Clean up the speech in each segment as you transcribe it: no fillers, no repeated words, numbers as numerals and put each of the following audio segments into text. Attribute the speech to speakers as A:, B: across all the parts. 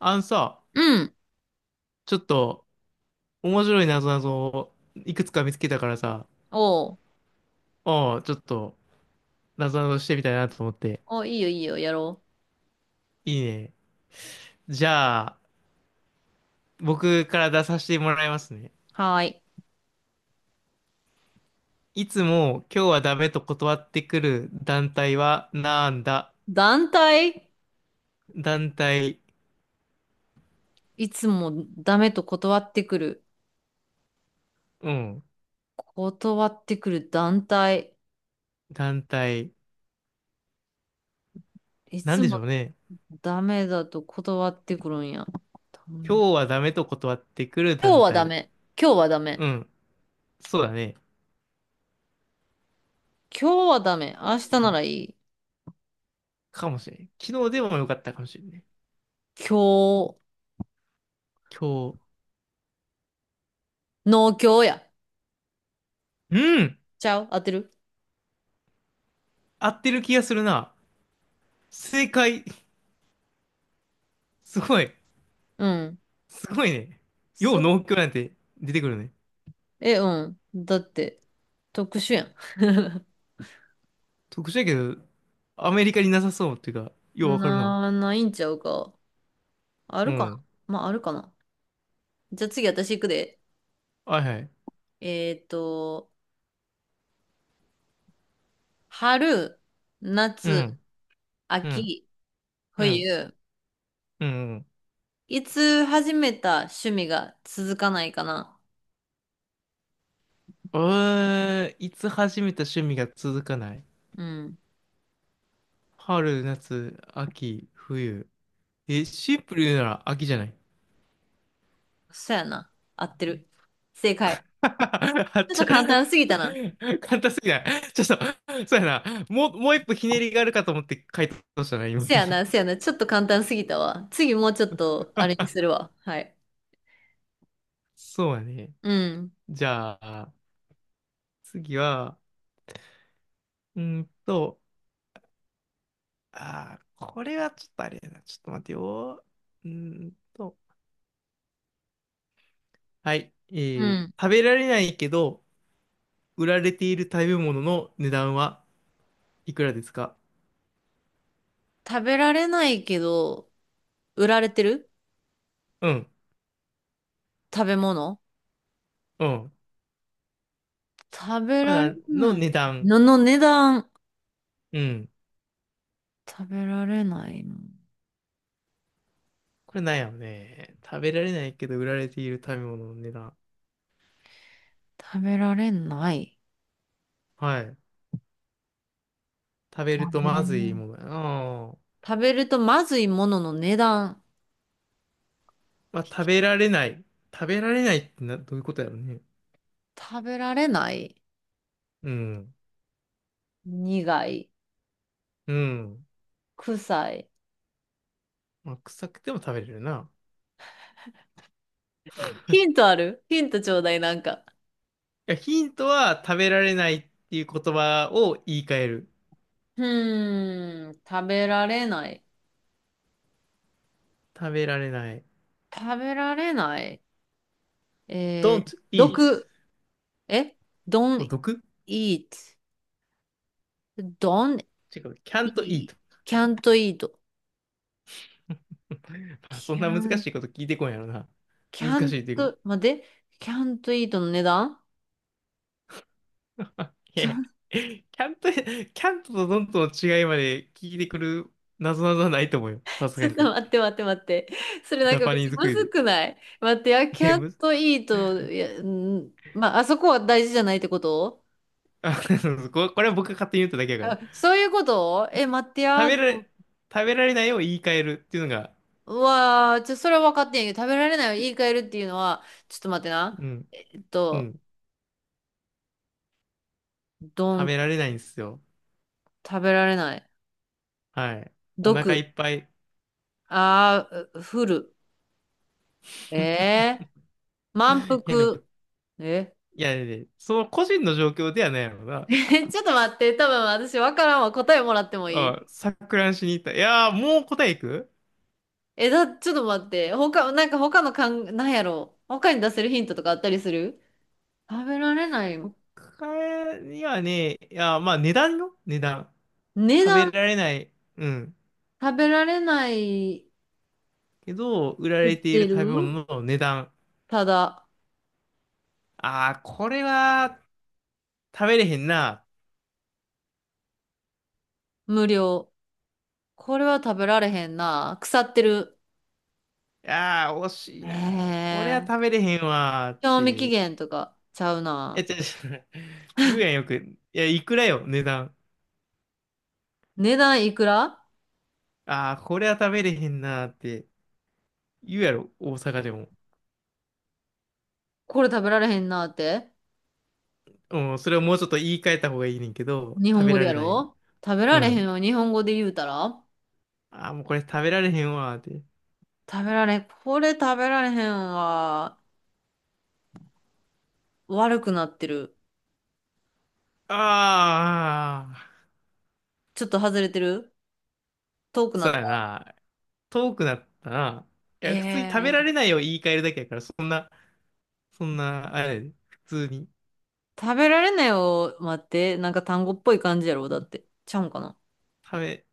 A: あのさ、
B: うん。
A: ちょっと面白いなぞなぞをいくつか見つけたからさ、
B: おう。
A: おう、ちょっとなぞなぞしてみたいなと思って。
B: お、いいよいいよ、やろ
A: いいね。じゃあ、僕から出させてもらいますね。
B: う。はーい。
A: いつも今日はダメと断ってくる団体はなんだ？
B: 団体。
A: 団体、
B: いつもダメと断ってくる。
A: うん、
B: 断ってくる団体。
A: 団体、
B: い
A: なん
B: つ
A: でし
B: も
A: ょうね。
B: ダメだと断ってくるんや。うん。
A: 今日はダメと断ってくる
B: 今日
A: 団
B: はダ
A: 体。
B: メ。今日はダメ。
A: うん、そうだね。
B: 今日はダメ。
A: 今日
B: 明日
A: はダ
B: な
A: メ
B: らいい。
A: かもしれん。昨日でもよかったかもしれんね。
B: 今日、
A: 今日、
B: 農協や。
A: うん
B: ちゃう、合ってる。
A: 合ってる気がするな。正解。すごい。
B: うん。
A: すごいね。よう
B: そ、
A: 農協なんて出てくるね。
B: え、うん。だって、特殊やん。
A: 特殊やけど、アメリカになさそうっていうか、ようわかるな。
B: な、ないんちゃうか。あ
A: う
B: るかな。
A: ん。
B: まあ、あるかな。じゃあ次私行くで。
A: はいはい。
B: えっと、春、夏、
A: うん。うん。
B: 秋、
A: うん。
B: 冬。
A: うん。
B: いつ始めた趣味が続かないかな？
A: いつ始めた趣味が続かない？
B: うん。
A: 春、夏、秋、冬。え、シンプルに言うなら秋じゃない？
B: そやな。合ってる。正解。
A: あっ
B: ちょっ
A: ち
B: と
A: ゃ、
B: 簡単すぎたな。
A: 簡単すぎない。ちょっと、そうやな。もう一歩ひねりがあるかと思って回答したな、今。
B: せやな、せやな。ちょっと簡単すぎたわ。次もうちょっと、あれにするわ。はい。
A: そうやね。
B: うん。
A: じゃあ、次は、うーんと、あー、これはちょっとあれやな。ちょっと待てよ。うーんと、はい。
B: うん。
A: 食べられないけど、売られている食べ物の値段はいくらですか？
B: 食べられないけど、売られてる
A: うん、
B: 食べ物。
A: うん。
B: 食べ
A: まあ
B: られ
A: なの
B: な
A: 値
B: い、
A: 段。
B: のの値段。
A: うん。
B: 食べられないの。
A: これなんやろね。食べられないけど、売られている食べ物の値段。
B: 食べられない。
A: はい。食べ
B: 食
A: ると
B: べられ
A: まず
B: な
A: い
B: い。
A: ものやな。
B: 食べるとまずいものの値段。
A: まあ、食べられない。食べられないってな、どういうことやろね。
B: 食べられない。
A: うん。
B: 苦い。
A: うん。
B: 臭い。
A: まあ、臭くても食べれるな。
B: ヒントある？ヒントちょうだい、なんか。
A: いや、ヒントは食べられないっていう言葉を言い換える。
B: 食べられない。
A: 食べられない。
B: 食べられない。えー、
A: don't eat
B: 毒。え？
A: を
B: don't
A: 毒
B: eat. don't
A: 違う。can't
B: eat.
A: eat。
B: can't eat.
A: まあ、そんな難し
B: can't,
A: いこと聞いてこんやろな。難しいっていうか。
B: can't, 待って。can't eat の値段。
A: いや、
B: can't。
A: can't can't と dont の違いまで聞いてくる謎々はないと思うよ。さ す
B: ち
A: が
B: ょっ
A: に。
B: と
A: ジ
B: 待って待って待って。それなん
A: ャ
B: か
A: パ
B: めっ
A: ニ
B: ち
A: ー
B: ゃ
A: ズク
B: ま
A: イ
B: ず
A: ズ。
B: くない？待って、やキ
A: い
B: ャ
A: や、
B: ッ
A: むず、
B: トイート、いや、んまあ、あそこは大事じゃないってこと？
A: あ、これは僕が勝手に言っただけやから。
B: あ、そういうこと？え、待って
A: 食
B: や、
A: べ
B: で
A: ら
B: も、
A: れ、食べられないを言い換えるっていうのが、
B: うわー、ちょ、それは分かってんやけど、食べられないを言い換えるっていうのは、ちょっと待ってな。
A: うん。
B: えっ
A: う
B: と、
A: ん
B: ど
A: 食
B: ん、
A: べられないんですよ。
B: 食べられない。
A: はい。お腹い
B: 毒。
A: っぱい。
B: あー、ふる。えー、満
A: いやでも、
B: 腹。え？
A: その個人の状況ではないの が、
B: ちょっと待って、多分私分からんわ。答えもらってもい
A: あ、
B: い？
A: 錯乱しに行った。いやー、もう答えいく。
B: え、だ、ちょっと待って。他、なんか他のかん、なんやろう。他に出せるヒントとかあったりする？食べられない。
A: 他にはね、いやー、まあ値段よ、値段。
B: 値
A: 食
B: 段、
A: べられない。うん。
B: 食べられない、
A: けど、売ら
B: 売っ
A: れている
B: てる、
A: 食べ物の値段。
B: ただ、
A: ああ、これは食べれへんな。
B: 無料。これは食べられへんな。腐ってる。
A: ああ、惜し
B: へ
A: いな。これは
B: え。
A: 食べれへんわーっ
B: 賞味期
A: て。
B: 限とかちゃう
A: え、違
B: な。
A: う違う。言うやんよく。いや、いくらよ、値段。
B: 値段いくら？
A: ああ、これは食べれへんなーって言うやろ、大阪でも。
B: これ食べられへんなって。
A: うん、それをもうちょっと言い換えた方がいいねんけど、
B: 日
A: 食
B: 本
A: べ
B: 語で
A: ら
B: や
A: れないよ。
B: ろ？食べ
A: う
B: られへ
A: ん。
B: んを日本語で言うたら
A: ああ、もうこれ食べられへんわーって。
B: 食べられ、これ食べられへんは悪くなってる。
A: ああ、
B: ちょっと外れてる？遠くな
A: そ
B: っ
A: うや
B: た。
A: な。遠くなったな。い
B: え
A: や、普通に食べら
B: ー、
A: れないを言い換えるだけやから、そんな、あれやで、普通に。
B: 食べられないを待って、なんか単語っぽい感じやろ、だって。ちゃうんかな。
A: 食べ、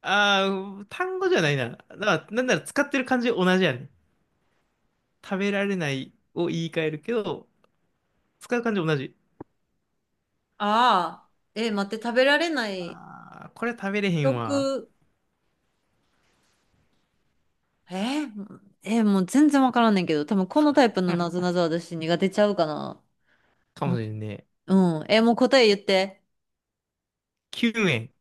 A: ああ、単語じゃないな。だから、なんなら使ってる感じ同じやねん。食べられないを言い換えるけど、使う感じ同じ。
B: ああ、えー、待って、食べられない、
A: ああ、これ食べれへんわ。
B: 食、えー、えー、もう全然わからんねんけど、多分このタイプのなぞなぞ私苦手ちゃうかな。
A: かも
B: ま、
A: しれんね。
B: うん。えー、もう答え言って。
A: 9円。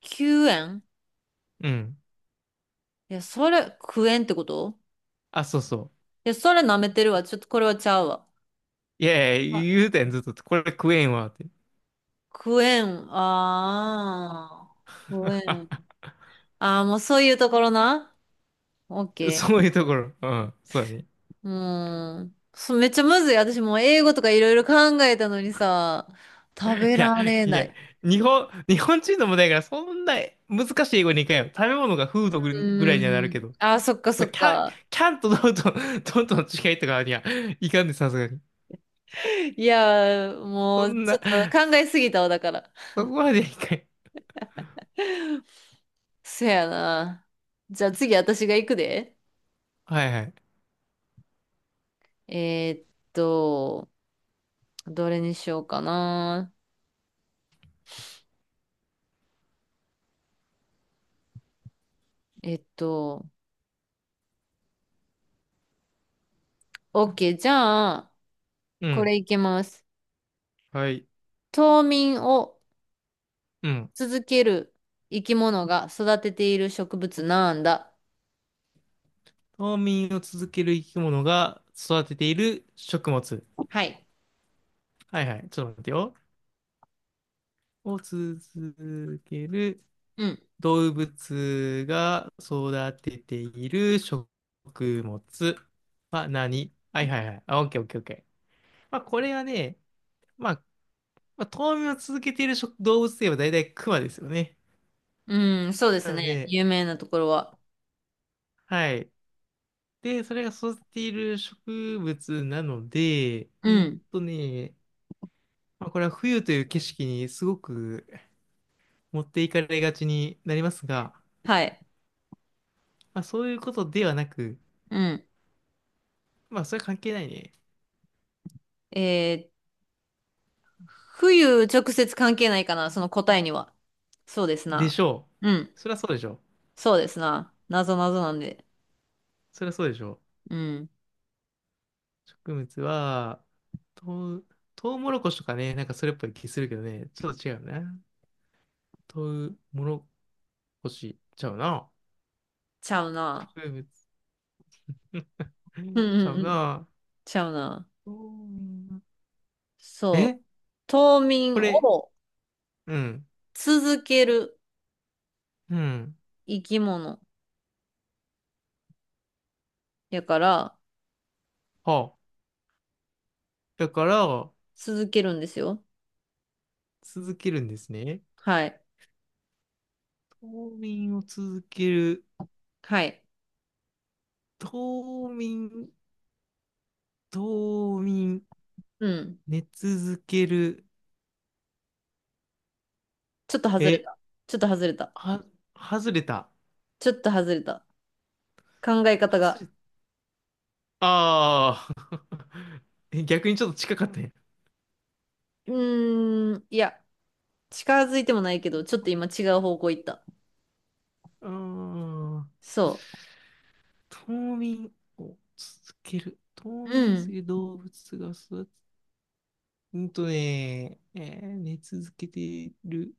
B: 救援？
A: うん。
B: いや、それ、クエンってこと？
A: あ、そうそう。
B: いや、それ舐めてるわ。ちょっとこれはちゃうわ。
A: いやい
B: あ、
A: や、言うたやん、ずっと。これ食えんわ、って。
B: クエン、ああ、クエン。ああ、もうそういうところな。OK。
A: そういうところ。うん。そうだね。
B: うーん。そう、めっちゃむずい。私もう英語とかいろいろ考えたのにさ、食べ
A: いや、
B: られ
A: い
B: な
A: や、
B: い。
A: 日本人の問題やから、そんな難しい英語にいかんよ。食べ物がフードぐ
B: う
A: ぐら
B: ー
A: いにはなるけ
B: ん。
A: ど。
B: あ、そっか
A: ま
B: そ
A: あ
B: っ
A: キャン、
B: か。
A: キャンとドンと、ドンとの違いとかにはいかんで、さすがに。
B: いやー、も
A: そ
B: う
A: ん
B: ちょっ
A: な、
B: と考えすぎたわ、だから。
A: そこまでいかん。
B: そやな。じゃあ次私が行くで。
A: はいはい。
B: えーっと、どれにしようかな。えっと、OK。じゃあ、
A: う
B: こ
A: ん。
B: れいけます。
A: はい。
B: 冬眠を
A: うん。
B: 続ける生き物が育てている植物なんだ？
A: 冬眠を続ける生き物が育てている食物。
B: はい。
A: はいはい。ちょっと待ってよ。を続ける
B: うん。
A: 動物が育てている食物は何？はいはいはい。あ、オッケーオッケーオッケー。まあ、これはね、まあ、まあ、冬眠を続けている食動物といえば大体クマですよね。
B: うん、そうです
A: なの
B: ね。
A: で、
B: 有名なところは。
A: はい。で、それが育てている植物なので、
B: う
A: うん
B: ん。
A: とね、まあ、これは冬という景色にすごく持っていかれがちになりますが、
B: はい。
A: まあ、そういうことではなく、
B: うん。
A: まあ、それ関係ないね。
B: えー、冬直接関係ないかな、その答えには。そうです
A: でし
B: な。
A: ょ
B: うん。
A: う。そりゃそうでしょう。
B: そうですな。なぞなぞなんで。
A: そりゃそうでしょう。
B: うん。
A: 植物は、とう、とうもろこしとかね、なんかそれっぽい気するけどね、ちょっと違うな。とうもろこしちゃうな。
B: ちゃうな。
A: 植物
B: うん
A: ちゃ
B: うん
A: う
B: うん。
A: な。
B: ちゃうな。
A: とう
B: そう。
A: え
B: 冬
A: こ
B: 眠
A: れ、
B: を
A: うん、
B: 続ける
A: うん。
B: 生き物やから、
A: はあ。だから、
B: 続けるんですよ。
A: 続けるんですね。
B: はい。
A: 冬眠を続ける。
B: はい。
A: 冬眠、冬眠、
B: うん。
A: 寝続ける。
B: ちょっと外れ
A: え
B: た。ちょっと外れた。
A: は、外れた。
B: ちょっと外れた。考え方
A: 外
B: が。
A: れ、ああ。え逆にちょっと近かったね。
B: うーん。いや、近づいてもないけど、ちょっと今違う方向行った。
A: うーん。
B: そ
A: 冬眠を続ける。冬
B: う。う
A: 眠をす
B: ん。
A: る動物が育つ。うんとね、えー寝続けている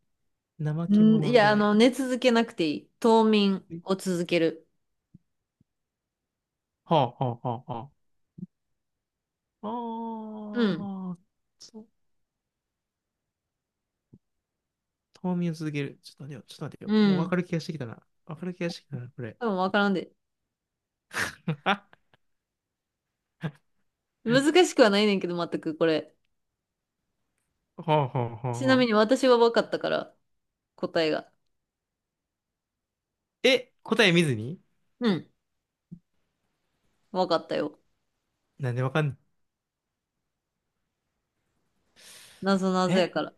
A: 怠
B: う
A: け
B: ん、い
A: 者じゃ
B: や、あ
A: ない。
B: の、寝続けなくていい。冬眠を続ける。
A: はあ。
B: うん。
A: ああ、そう。冬眠を続ける。ちょっと待てよ。
B: う
A: もう分
B: ん。
A: かる気がしてきたな。分かる気がしてきたな、これ。
B: 多分わからんで。
A: は
B: 難しくはないねんけど、全くこれ。ちな
A: は
B: みに
A: あ。
B: 私は分かったから、答えが。
A: え、答え見ずに？
B: うん。分かったよ。
A: なんでわかん、ない？
B: なぞなぞや
A: え
B: から。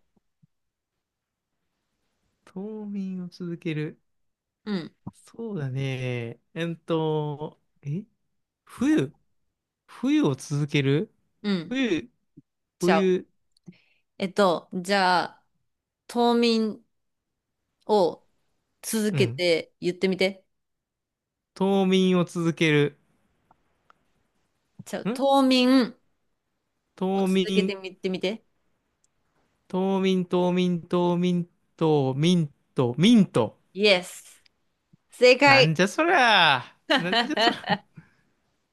A: 冬眠を続ける。
B: うん。
A: そうだね。冬冬を続ける。
B: うん。
A: 冬、
B: ちゃう。
A: 冬、
B: えっと、じゃあ、冬眠を続
A: う
B: け
A: ん。
B: て言ってみて。
A: 冬眠を続ける。
B: じゃあ、
A: ん
B: 冬眠を
A: 冬
B: 続け
A: 眠、
B: てみてみて。
A: 冬眠、冬眠、冬眠、冬眠、冬眠と、ミント。
B: Yes! 正
A: な
B: 解。
A: んじゃそりゃ。なんじゃそりゃ。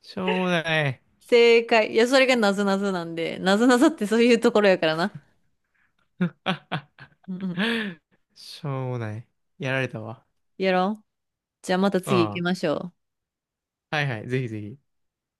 A: しょうもない。
B: 正解。いや、それがなぞなぞなんで、なぞなぞってそういうところやからな。うんうん。
A: しょうもない。やられたわ。
B: やろう。じゃあまた
A: うん。
B: 次行き
A: は
B: ましょう。
A: いはい。ぜひぜひ。